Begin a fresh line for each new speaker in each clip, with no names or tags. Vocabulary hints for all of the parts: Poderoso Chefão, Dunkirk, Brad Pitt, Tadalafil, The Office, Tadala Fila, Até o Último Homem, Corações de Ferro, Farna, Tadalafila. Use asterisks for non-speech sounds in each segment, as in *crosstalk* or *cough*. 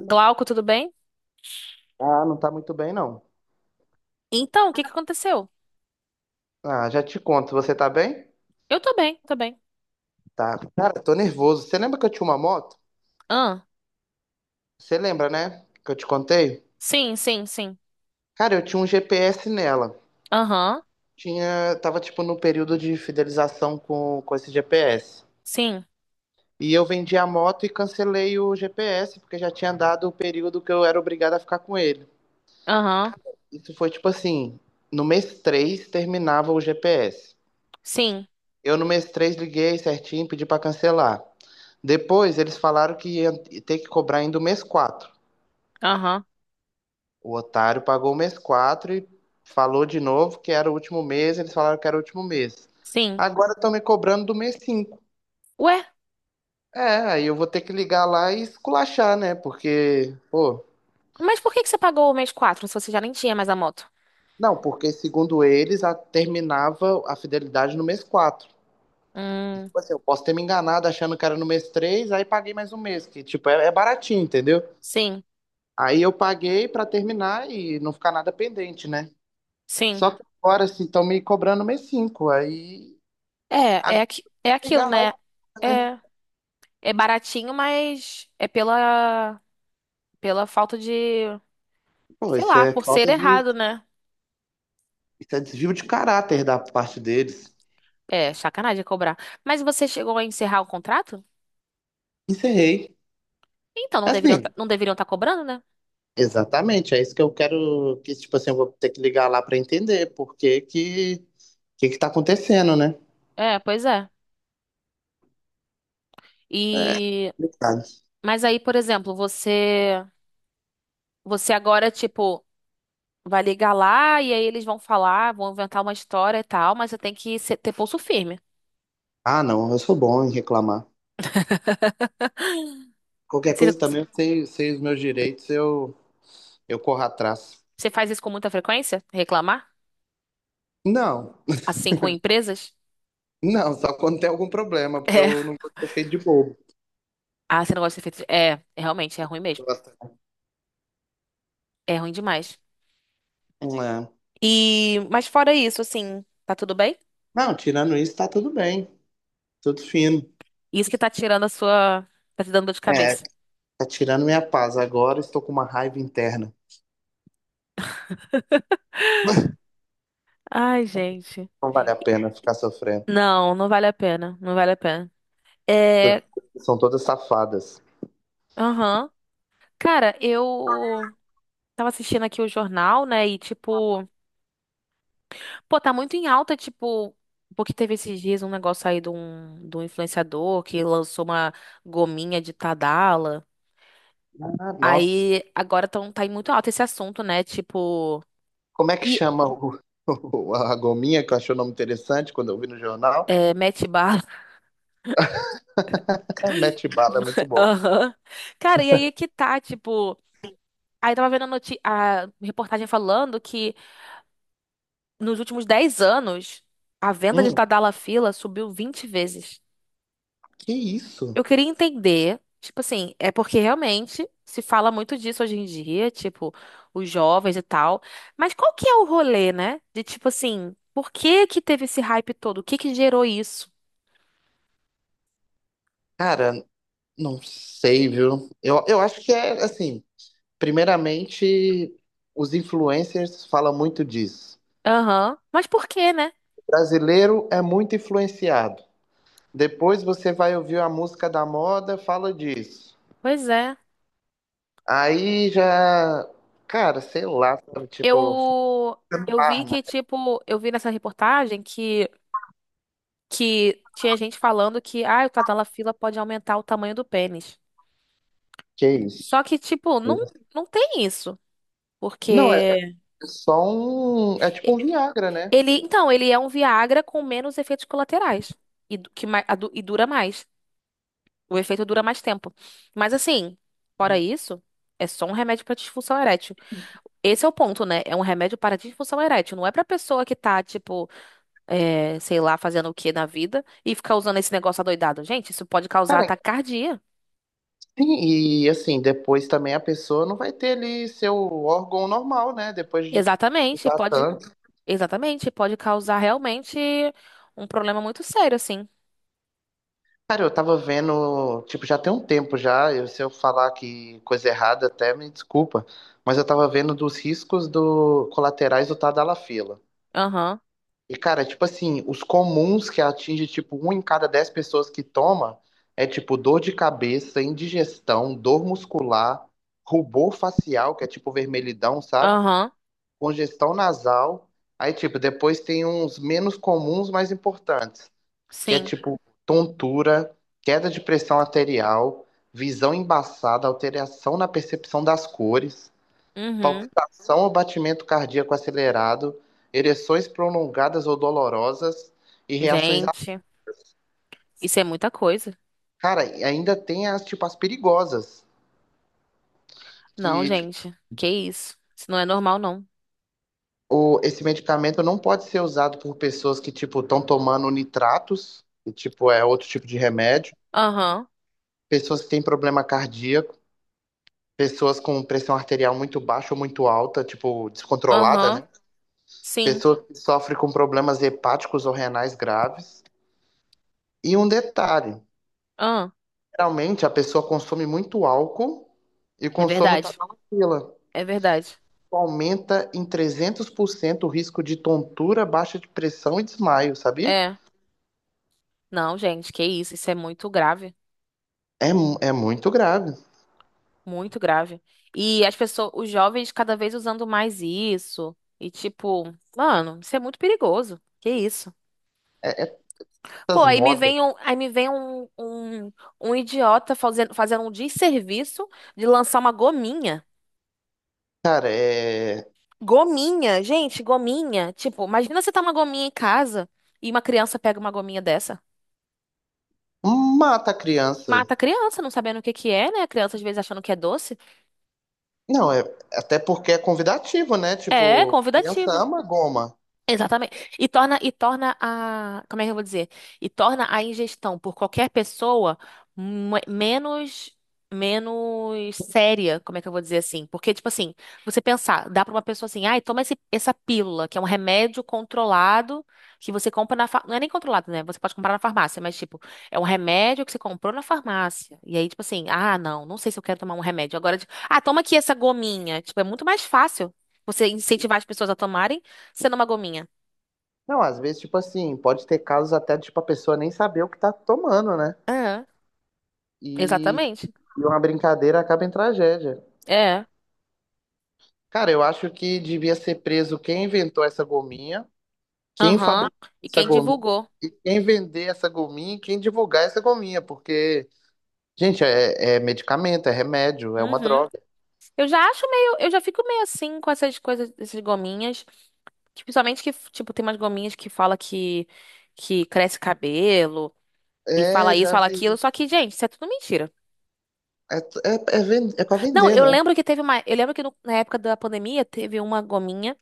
Glauco, tudo bem?
Ah, não tá muito bem, não.
Então, o que que aconteceu?
Ah, já te conto. Você tá bem?
Eu tô bem, tô bem.
Tá. Cara, tô nervoso. Você lembra que eu tinha uma moto?
Ah,
Você lembra, né? Que eu te contei?
sim, sim, sim.
Cara, eu tinha um GPS nela.
Aham,
Tinha, tava tipo no período de fidelização com esse GPS.
sim.
E eu vendi a moto e cancelei o GPS, porque já tinha dado o período que eu era obrigado a ficar com ele.
Aham,
Isso foi tipo assim, no mês 3 terminava o GPS.
sim.
Eu no mês 3 liguei certinho, pedi para cancelar. Depois eles falaram que ia ter que cobrar ainda o mês 4.
Aham,
O otário pagou o mês 4 e falou de novo que era o último mês, eles falaram que era o último mês.
sim.
Agora estão me cobrando do mês 5.
Ué,
É, aí eu vou ter que ligar lá e esculachar, né? Porque, pô,
mas por que que você pagou o mês 4 se você já nem tinha mais a moto?
não, porque segundo eles terminava a fidelidade no mês 4.
Hum,
Tipo assim, eu posso ter me enganado achando que era no mês 3. Aí paguei mais um mês, que tipo, é baratinho, entendeu?
sim,
Aí eu paguei pra terminar e não ficar nada pendente, né?
sim.
Só que agora, assim, estão me cobrando mês 5. Aí,
É, é,
agora
aqui, é aquilo,
pegar
né?
lá, né?
É, é baratinho, mas é pela falta de,
Pô,
sei
isso
lá,
é
por ser
falta de.
errado, né?
Isso é desvio de caráter da parte deles.
É, sacanagem cobrar. Mas você chegou a encerrar o contrato?
Encerrei.
Então, não deveriam,
Assim,
não deveriam estar cobrando, né?
exatamente. É isso que eu quero. Que, tipo assim, eu vou ter que ligar lá pra entender por que que. O que que tá acontecendo, né?
É, pois é.
É
E
complicado.
mas aí, por exemplo, você agora tipo vai ligar lá e aí eles vão falar, vão inventar uma história e tal, mas você tem que ter pulso firme.
Ah, não, eu sou bom em reclamar. Qualquer
Você,
coisa também, eu sei os meus direitos, eu corro atrás.
você faz isso com muita frequência? Reclamar?
Não.
Assim com empresas?
Não, só quando tem algum problema, porque eu
É.
não vou ser feito de bobo.
Ah, você não gosta de ser feito. É, realmente é ruim mesmo. É ruim demais.
Não, é.
E mas fora isso, assim, tá tudo bem?
Não, tirando isso, tá tudo bem. Tudo fino.
Isso que tá tirando a sua, tá te dando dor de
É,
cabeça.
tá tirando minha paz. Agora estou com uma raiva interna.
Ai, gente.
Não vale a pena ficar sofrendo.
Não, não vale a pena. Não vale a pena. É,
São todas safadas.
aham. Cara, eu tava assistindo aqui o jornal, né? E tipo, pô, tá muito em alta, tipo, porque teve esses dias um negócio aí de um influenciador que lançou uma gominha de Tadala.
Ah, nossa.
Aí agora tá em muito alta esse assunto, né? Tipo,
Como é que
e
chama *laughs* a gominha, que eu achei o nome interessante quando eu vi no jornal?
é, mete bala.
*laughs* Mete bala, é muito
*laughs*
bom.
Aham. Cara, e aí que tá, tipo. Aí tava vendo a reportagem falando que nos últimos 10 anos a venda de
Hum,
Tadala Fila subiu 20 vezes.
que
Eu
isso?
queria entender, tipo assim, é porque realmente se fala muito disso hoje em dia, tipo, os jovens e tal. Mas qual que é o rolê, né? De tipo assim, por que que teve esse hype todo? O que que gerou isso?
Cara, não sei, viu? Eu acho que é assim. Primeiramente, os influencers falam muito disso.
Aham. Mas por quê, né?
O brasileiro é muito influenciado. Depois você vai ouvir a música da moda, fala disso.
Pois é.
Aí já, cara, sei lá, sabe, tipo,
Eu eu vi
Farna,
que tipo, eu vi nessa reportagem que tinha gente falando que ah, o Tadalafila pode aumentar o tamanho do pênis.
que
Só
isso?
que tipo, não tem isso,
Não, é
porque
é só um, é tipo um Viagra, né?
ele, então, ele é um Viagra com menos efeitos colaterais e, du- que, ma- a du- e dura mais. O efeito dura mais tempo. Mas assim, fora isso, é só um remédio para disfunção erétil. Esse é o ponto, né? É um remédio para disfunção erétil. Não é pra pessoa que tá, tipo, é, sei lá, fazendo o que na vida e ficar usando esse negócio adoidado. Gente, isso pode causar
Cara,
taquicardia.
sim, e assim, depois também a pessoa não vai ter ali seu órgão normal, né? Depois de
Exatamente,
usar
pode.
tanto.
Exatamente, pode causar realmente um problema muito sério, assim.
Cara, eu tava vendo, tipo, já tem um tempo já, se eu falar que coisa errada até me desculpa, mas eu tava vendo dos riscos do colaterais do Tadalafila.
Aham,
E, cara, tipo assim, os comuns que atinge, tipo, um em cada 10 pessoas que toma é, tipo, dor de cabeça, indigestão, dor muscular, rubor facial, que é tipo vermelhidão, sabe?
aham,
Congestão nasal. Aí, tipo, depois tem uns menos comuns, mais importantes que é
sim.
tipo tontura, queda de pressão arterial, visão embaçada, alteração na percepção das cores,
Uhum.
palpitação ou batimento cardíaco acelerado, ereções prolongadas ou dolorosas e reações.
Gente, isso é muita coisa.
Cara, e ainda tem as tipo as perigosas,
Não,
que tipo,
gente, que isso? Isso não é normal, não.
esse medicamento não pode ser usado por pessoas que tipo estão tomando nitratos, que tipo é outro tipo de remédio,
Aham,
pessoas que têm problema cardíaco pessoas com pressão arterial muito baixa ou muito alta, tipo, descontrolada,
aham,
né?
sim,
Pessoas que sofrem com problemas hepáticos ou renais graves. E um detalhe,
ah.
geralmente a pessoa consome muito álcool e
É
consome o
verdade,
tadalafila.
é verdade.
Aumenta em 300% o risco de tontura, baixa de pressão e desmaio, sabia?
É, não, gente, que isso? Isso é muito grave,
É, é muito grave.
muito grave. E as pessoas, os jovens cada vez usando mais isso. E tipo, mano, isso é muito perigoso. Que isso?
É
Pô,
essas
aí me
modas,
vem um, aí me vem um, um, um idiota fazendo um desserviço de lançar uma gominha.
cara.
Gominha, gente, gominha. Tipo, imagina você tá uma gominha em casa e uma criança pega uma gominha dessa.
Mata a criança.
Mata a criança, não sabendo o que que é, né? A criança às vezes achando que é doce.
Não, até porque é convidativo, né?
É,
Tipo, criança
convidativo.
ama goma.
Exatamente. E torna a, como é que eu vou dizer? E torna a ingestão por qualquer pessoa me- menos menos séria, como é que eu vou dizer assim? Porque, tipo assim, você pensar, dá pra uma pessoa assim, ai, toma essa pílula, que é um remédio controlado que você compra não é nem controlado, né? Você pode comprar na farmácia, mas, tipo, é um remédio que você comprou na farmácia. E aí, tipo assim, ah, não, não sei se eu quero tomar um remédio. Agora, tipo, ah, toma aqui essa gominha. Tipo, é muito mais fácil você incentivar as pessoas a tomarem sendo uma gominha.
Não, às vezes, tipo assim, pode ter casos até, tipo, a pessoa nem saber o que tá tomando, né?
É,
E,
exatamente.
e uma brincadeira acaba em tragédia.
É.
Cara, eu acho que devia ser preso quem inventou essa gominha, quem
Aham.
fabricou
E
essa
quem
gominha,
divulgou?
quem vender essa gominha e quem divulgar essa gominha, porque, gente, é medicamento, é remédio, é uma
Uhum.
droga.
Eu já acho meio, eu já fico meio assim com essas coisas, essas gominhas, que principalmente que, tipo, tem umas gominhas que fala que cresce cabelo e fala
É,
isso,
já
fala aquilo,
vi.
só que, gente, isso é tudo mentira.
É, é, é pra
Não,
vender,
eu
né?
lembro que teve uma, eu lembro que na época da pandemia teve uma gominha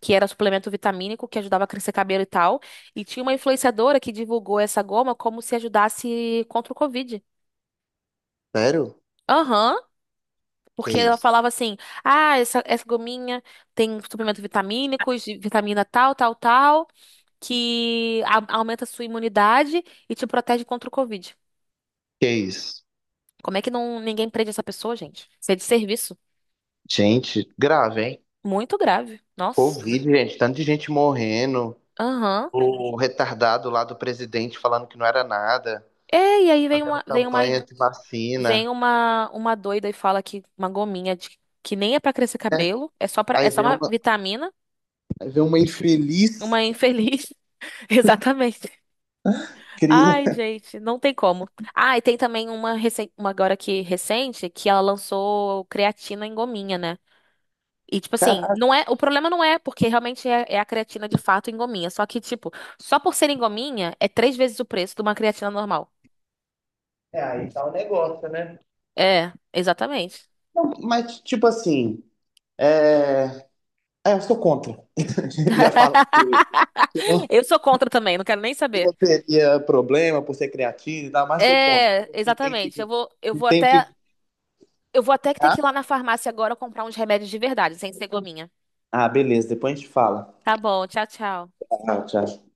que era suplemento vitamínico que ajudava a crescer cabelo e tal, e tinha uma influenciadora que divulgou essa goma como se ajudasse contra o Covid.
Sério?
Aham.
Que
Porque ela
isso?
falava assim: ah, essa gominha tem suplemento vitamínicos, de vitamina tal, tal, tal, que aumenta a sua imunidade e te protege contra o Covid.
Que isso?
Como é que não, ninguém prende essa pessoa, gente? Isso é de serviço.
Gente, grave, hein?
Muito grave. Nossa.
Covid, gente, tanto de gente morrendo.
Aham.
O retardado lá do presidente falando que não era nada,
É, e aí
campanha de vacina.
vem uma doida e fala que uma gominha que nem é pra crescer cabelo, é
Aí
só
vem
uma
uma,
vitamina,
aí vem uma infeliz
uma infeliz. *laughs* Exatamente. Ai,
cria.
gente, não tem como. Ah, e tem também uma agora que recente que ela lançou creatina em gominha, né? E tipo assim,
Caralho. *laughs*
não é, o problema não é porque realmente é a creatina de fato em gominha, só que tipo, só por ser em gominha é 3 vezes o preço de uma creatina normal.
É, aí tá o negócio, né?
É, exatamente.
Não, mas, tipo assim, é... eu sou contra. *laughs* Ia falar
*laughs*
que não,
Eu sou contra também, não quero nem saber.
não teria problema por ser criativo e tal, mas sou contra.
É,
Não tem que,
exatamente.
não tem que.
Eu vou até ter
Ah,
que ir lá na farmácia agora comprar uns remédios de verdade, sem ser gominha.
ah, beleza, depois a gente fala.
Tá bom, tchau, tchau.
Tchau, tchau.